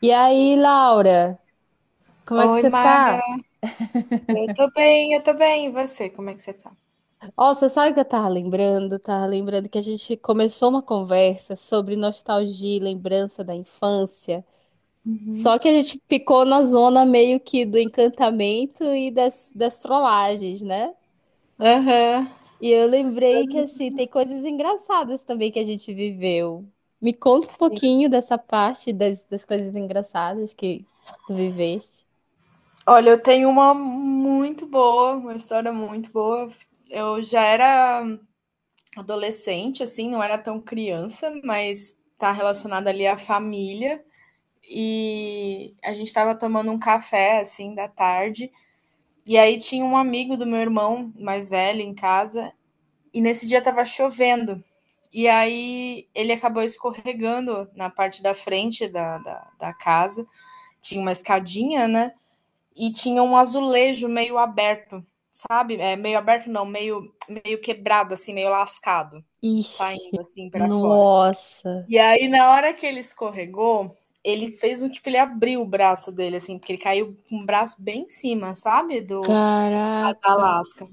E aí, Laura, como é que Oi, você Mara. tá? Eu tô bem, eu tô bem. E você, como é que você tá? Ó, você sabe que eu tava lembrando? Tava lembrando que a gente começou uma conversa sobre nostalgia e lembrança da infância. Uhum. Só que a gente ficou na zona meio que do encantamento e das trollagens, né? Aham. E eu lembrei que, assim, tem coisas engraçadas também que a gente viveu. Me conta um Sim. pouquinho dessa parte das coisas engraçadas que tu viveste. Olha, eu tenho uma história muito boa. Eu já era adolescente, assim, não era tão criança, mas tá relacionada ali à família. E a gente tava tomando um café, assim, da tarde. E aí tinha um amigo do meu irmão mais velho em casa. E nesse dia tava chovendo. E aí ele acabou escorregando na parte da frente da casa. Tinha uma escadinha, né? E tinha um azulejo meio aberto, sabe? É, meio aberto não, meio quebrado, assim, meio lascado, Ixi, saindo assim para fora. nossa, E aí, na hora que ele escorregou, ele fez um tipo, ele abriu o braço dele, assim, porque ele caiu com o braço bem em cima, sabe? Do da caraca. lasca.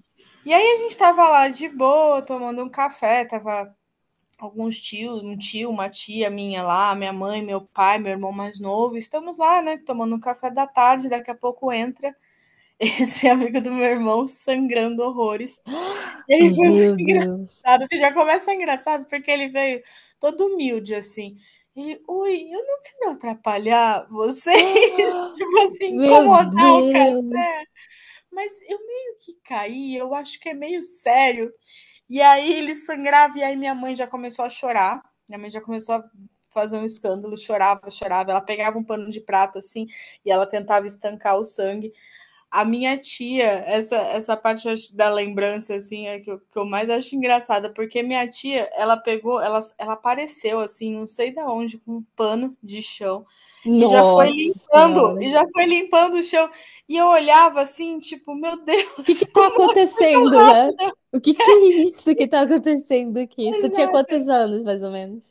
E aí a gente tava lá de boa, tomando um café, tava alguns tios, um tio, uma tia minha lá, minha mãe, meu pai, meu irmão mais novo, estamos lá, né, tomando um café da tarde, daqui a pouco entra esse amigo do meu irmão sangrando horrores. E aí foi muito Meu Deus. engraçado, você já começa engraçado porque ele veio todo humilde assim. Ele, ui, eu não quero atrapalhar vocês, tipo assim, Meu incomodar o Deus. café, mas eu meio que caí, eu acho que é meio sério. E aí ele sangrava, e aí minha mãe já começou a chorar. Minha mãe já começou a fazer um escândalo, chorava, chorava. Ela pegava um pano de prata assim e ela tentava estancar o sangue. A minha tia, essa parte da lembrança assim é que eu mais acho engraçada, porque minha tia, ela pegou, ela apareceu assim, não sei da onde, com um pano de chão e já foi Nossa limpando, Senhora. e já foi limpando o chão. E eu olhava assim, tipo, meu O que Deus, que tá como ela foi acontecendo, né? O que que é isso que tá acontecendo aqui? Tu tinha tão. quantos anos, mais ou menos?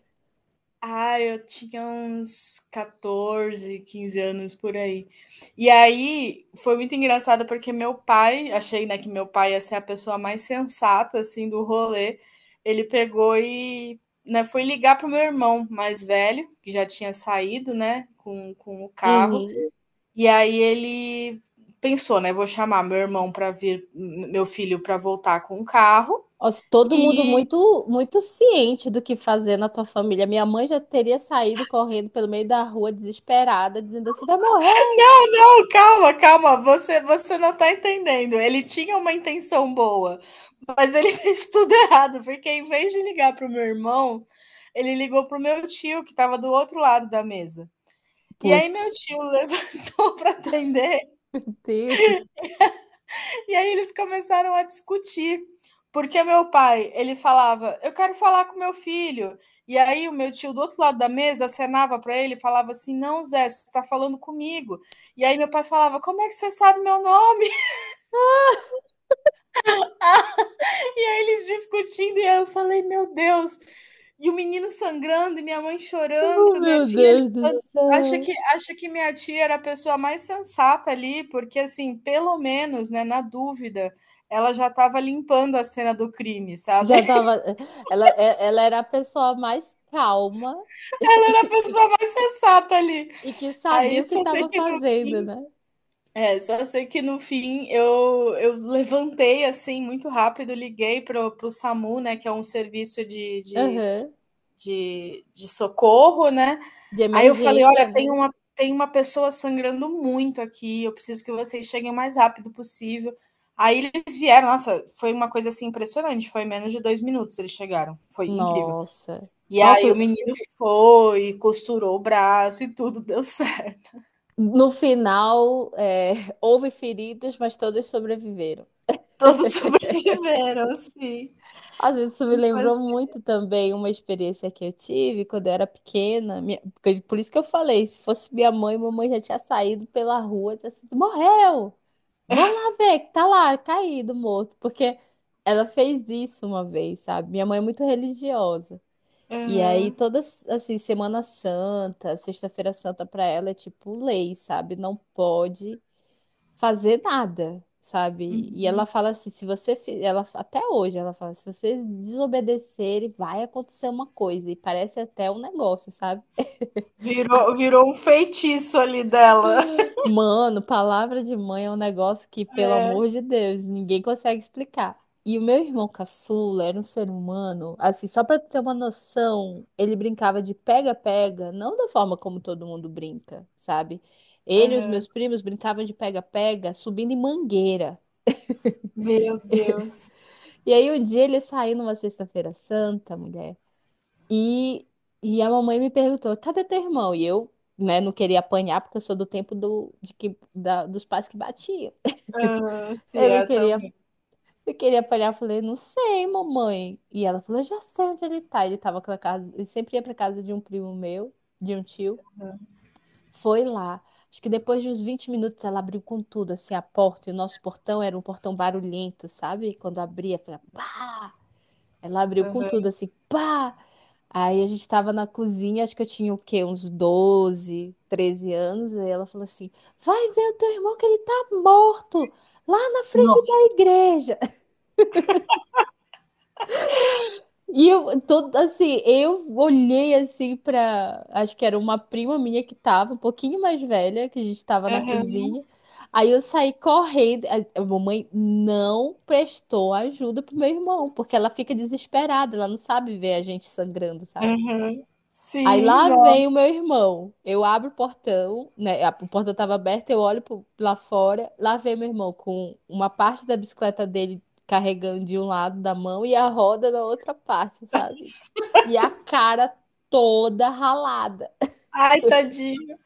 Ah, eu tinha uns 14, 15 anos por aí. E aí foi muito engraçado porque meu pai, achei, né, que meu pai ia ser a pessoa mais sensata assim do rolê. Ele pegou e, né, foi ligar pro meu irmão mais velho, que já tinha saído, né, com o carro. Uhum. E aí ele pensou, né, vou chamar meu irmão para vir, meu filho para voltar com o carro. Nossa, todo mundo E muito, muito ciente do que fazer na tua família. Minha mãe já teria saído correndo pelo meio da rua, desesperada, dizendo assim: vai morrer. não, não, calma, calma. Você não tá entendendo. Ele tinha uma intenção boa, mas ele fez tudo errado, porque em vez de ligar pro meu irmão, ele ligou pro meu tio, que tava do outro lado da mesa. E aí meu Putz, tio levantou para atender, Deus. e aí eles começaram a discutir. Porque meu pai, ele falava: "Eu quero falar com meu filho". E aí o meu tio do outro lado da mesa acenava para ele e falava assim: "Não, Zé, você está falando comigo". E aí meu pai falava: "Como é que você sabe meu nome?" E aí eles discutindo, e aí eu falei, meu Deus. E o menino sangrando, e minha mãe chorando, Oh, minha meu tia Deus do ligando. Acha céu. que, acha que minha tia era a pessoa mais sensata ali, porque assim, pelo menos, né, na dúvida, ela já estava limpando a cena do crime, sabe? Já tava. Ela, ela era a pessoa mais calma Ela era a e, pessoa que mais sensata ali. e que sabia Aí o que só sei estava que no fazendo, fimné? Eu levantei assim muito rápido, liguei pro, pro SAMU, né, que é um serviço de, de Aham. de, de socorro, né? De Aí eu falei: olha, emergência, né? Tem uma pessoa sangrando muito aqui, eu preciso que vocês cheguem o mais rápido possível. Aí eles vieram, nossa, foi uma coisa assim impressionante, foi menos de 2 minutos eles chegaram, foi incrível. Nossa. E aí o Nossa, menino foi, costurou o braço e tudo deu certo. no final, é, houve feridos, mas todos sobreviveram. Todos sobreviveram, assim. Às vezes isso me Então, lembrou assim, muito também uma experiência que eu tive quando eu era pequena. Por isso que eu falei, se fosse minha mãe, mamãe já tinha saído pela rua, tinha sido, morreu! Vão lá ver que tá lá, caído, morto. Porque ela fez isso uma vez, sabe? Minha mãe é muito religiosa. E aí, uhum, toda, assim, Semana Santa, Sexta-feira Santa pra ela é tipo lei, sabe? Não pode fazer nada, sabe? E ela uhum. fala assim, se você... Ela, até hoje ela fala, se vocês desobedecerem, vai acontecer uma coisa. E parece até um negócio, sabe? A Virou, virou um feitiço ali dela. Mano, palavra de mãe é um negócio que, pelo amor de Deus, ninguém consegue explicar. E o meu irmão caçula era um ser humano, assim, só pra tu ter uma noção, ele brincava de pega-pega, não da forma como todo mundo brinca, sabe? Ele e os meus Uhum. primos brincavam de pega-pega subindo em mangueira. Meu Deus. E aí um dia ele saiu numa sexta-feira santa, mulher, e, e a mamãe me perguntou: cadê teu irmão? E eu, né, não queria apanhar porque eu sou do tempo do, de que, da- dos pais que batiam. Uhum, sim, Eu não é, tá. queria, eu queria apanhar, eu falei, não sei, mamãe. E ela falou, eu já sei onde ele tá. Ele tava com a casa, ele sempre ia pra casa de um primo meu, de um tio. Foi lá. Acho que depois de uns 20 minutos ela abriu com tudo, assim, a porta. E o nosso portão era um portão barulhento, sabe? Quando abria, foi pá! Ela abriu com tudo, Aham. assim, pá! Aí a gente tava na cozinha, acho que eu tinha o quê? Uns 12 13 anos. Aí ela falou assim: vai ver o teu irmão que ele tá morto lá na frente da Nossa. igreja. E eu, todo, assim, eu olhei assim pra. Acho que era uma prima minha que tava, um pouquinho mais velha, que a gente tava na Aham, cozinha. Aí eu saí correndo. A mamãe não prestou ajuda pro meu irmão, porque ela fica desesperada, ela não sabe ver a gente sangrando, sabe? aham. Aí Sim, lá não. vem o meu irmão. Eu abro o portão, né? O portão tava aberto, lá fora. Lá vem meu irmão com uma parte da bicicleta dele carregando de um lado da mão e a roda na outra parte, sabe? E a cara toda ralada. Ai, tadinho.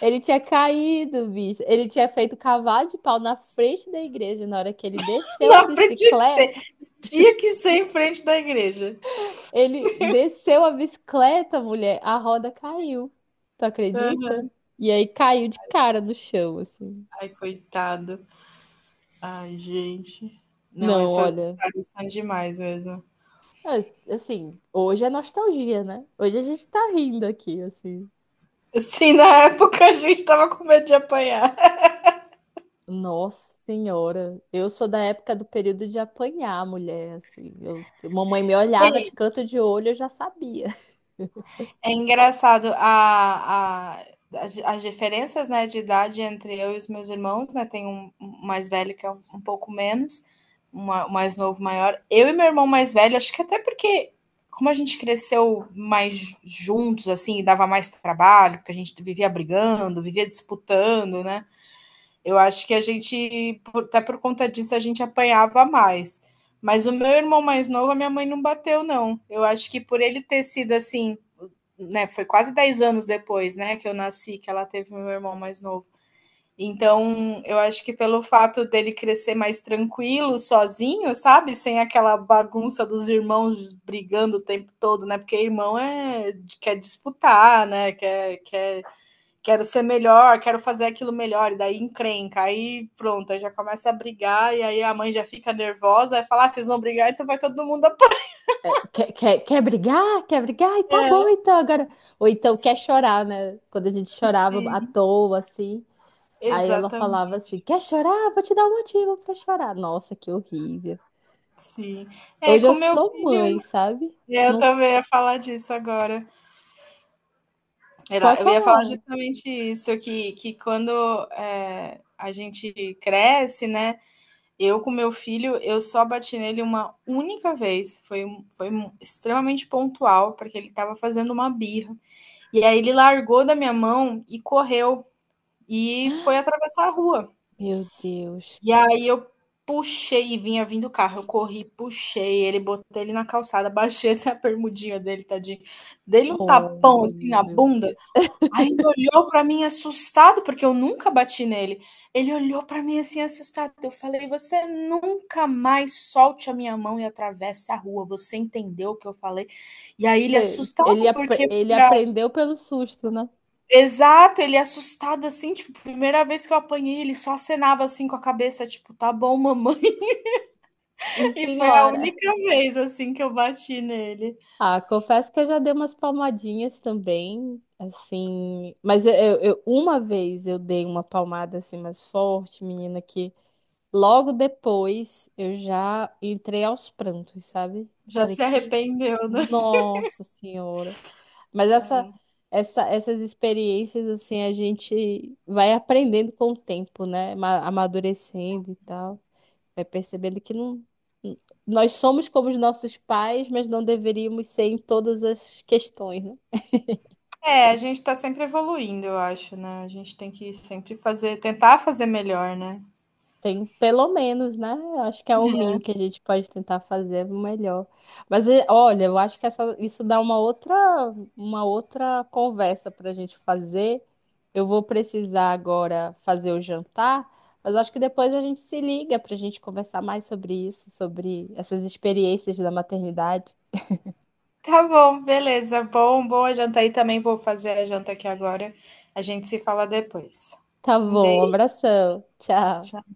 Ele tinha caído, bicho. Ele tinha feito cavalo de pau na frente da igreja na hora que ele desceu a Não, tinha que ser bicicleta. tinha que ser em frente da igreja. Ele desceu a bicicleta, mulher, a roda caiu. Tu acredita? Aham. E aí caiu de cara no chão, assim. Ai, coitado. Ai, gente. Não, Não, essas olha. histórias são demais mesmo. Assim, hoje é nostalgia, né? Hoje a gente tá rindo aqui, assim. Assim, na época a gente tava com medo de apanhar. Nossa senhora, eu sou da época do período de apanhar, mulher, assim. Eu, mamãe me olhava de canto de olho, eu já sabia. É engraçado as diferenças, né, de idade entre eu e os meus irmãos, né? Tem um, um, mais velho que é um pouco menos, um mais novo, maior. Eu e meu irmão mais velho, acho que até porque, como a gente cresceu mais juntos, assim, dava mais trabalho, porque a gente vivia brigando, vivia disputando, né? Eu acho que a gente, até por conta disso, a gente apanhava mais. Mas o meu irmão mais novo, a minha mãe não bateu, não. Eu acho que por ele ter sido assim, né? Foi quase 10 anos depois, né, que eu nasci, que ela teve meu irmão mais novo. Então, eu acho que pelo fato dele crescer mais tranquilo, sozinho, sabe? Sem aquela bagunça dos irmãos brigando o tempo todo, né? Porque irmão é, quer disputar, né? Quero ser melhor, quero fazer aquilo melhor, e daí encrenca, aí pronto, aí já começa a brigar, e aí a mãe já fica nervosa, e fala, ah, vocês vão brigar, então vai todo mundo É, quer brigar? Quer brigar? E tá bom, apanhar. então agora. Ou então quer chorar, né? Quando a gente chorava à Sim, toa, assim. Aí ela falava exatamente, assim: quer chorar? Vou te dar um motivo pra chorar. Nossa, que horrível. sim. É, Hoje com eu meu sou filho, mãe, sabe? é, eu Não também ia falar disso agora. pode Eu ia falar falar. justamente isso, que quando é, a gente cresce, né, eu com meu filho, eu só bati nele uma única vez, foi extremamente pontual, porque ele estava fazendo uma birra. E aí ele largou da minha mão e correu e foi atravessar a rua. Meu Deus. E aí eu puxei e vinha vindo o carro. Eu corri, puxei ele, botei ele na calçada, baixei essa a bermudinha dele, tadinho. Dei-lhe um Oh, tapão assim na meu bunda. Deus. Aí ele olhou para mim assustado, porque eu nunca bati nele. Ele olhou para mim assim assustado. Eu falei: "Você nunca mais solte a minha mão e atravesse a rua. Você entendeu o que eu falei?" E aí ele assustado porque Ele foi. aprendeu pelo susto, né? Exato, ele assustado, assim, tipo, primeira vez que eu apanhei, ele só acenava, assim, com a cabeça, tipo: "Tá bom, mamãe". E E foi a senhora. única vez, assim, que eu bati nele. Ah, confesso que eu já dei umas palmadinhas também, assim. Mas uma vez eu dei uma palmada assim mais forte, menina, que logo depois eu já entrei aos prantos, sabe? Eu Já falei se que arrependeu, né. Nossa Senhora. Mas É. Essas experiências, assim, a gente vai aprendendo com o tempo, né? Amadurecendo e tal. Vai percebendo que não. Nós somos como os nossos pais, mas não deveríamos ser em todas as questões, né? É, a gente tá sempre evoluindo, eu acho, né. A gente tem que sempre fazer tentar fazer melhor, né. Tem pelo menos, né? Eu acho que é o mínimo que a gente pode tentar fazer é o melhor. Mas eh, olha, eu acho que essa, isso dá uma outra conversa para a gente fazer. Eu vou precisar agora fazer o jantar, mas eu acho que depois a gente se liga para a gente conversar mais sobre isso, sobre essas experiências da maternidade. Tá bom, beleza. Bom, boa janta aí, também vou fazer a janta aqui agora. A gente se fala depois. Tá Um bom, um beijo. abração. Tchau. Tchau.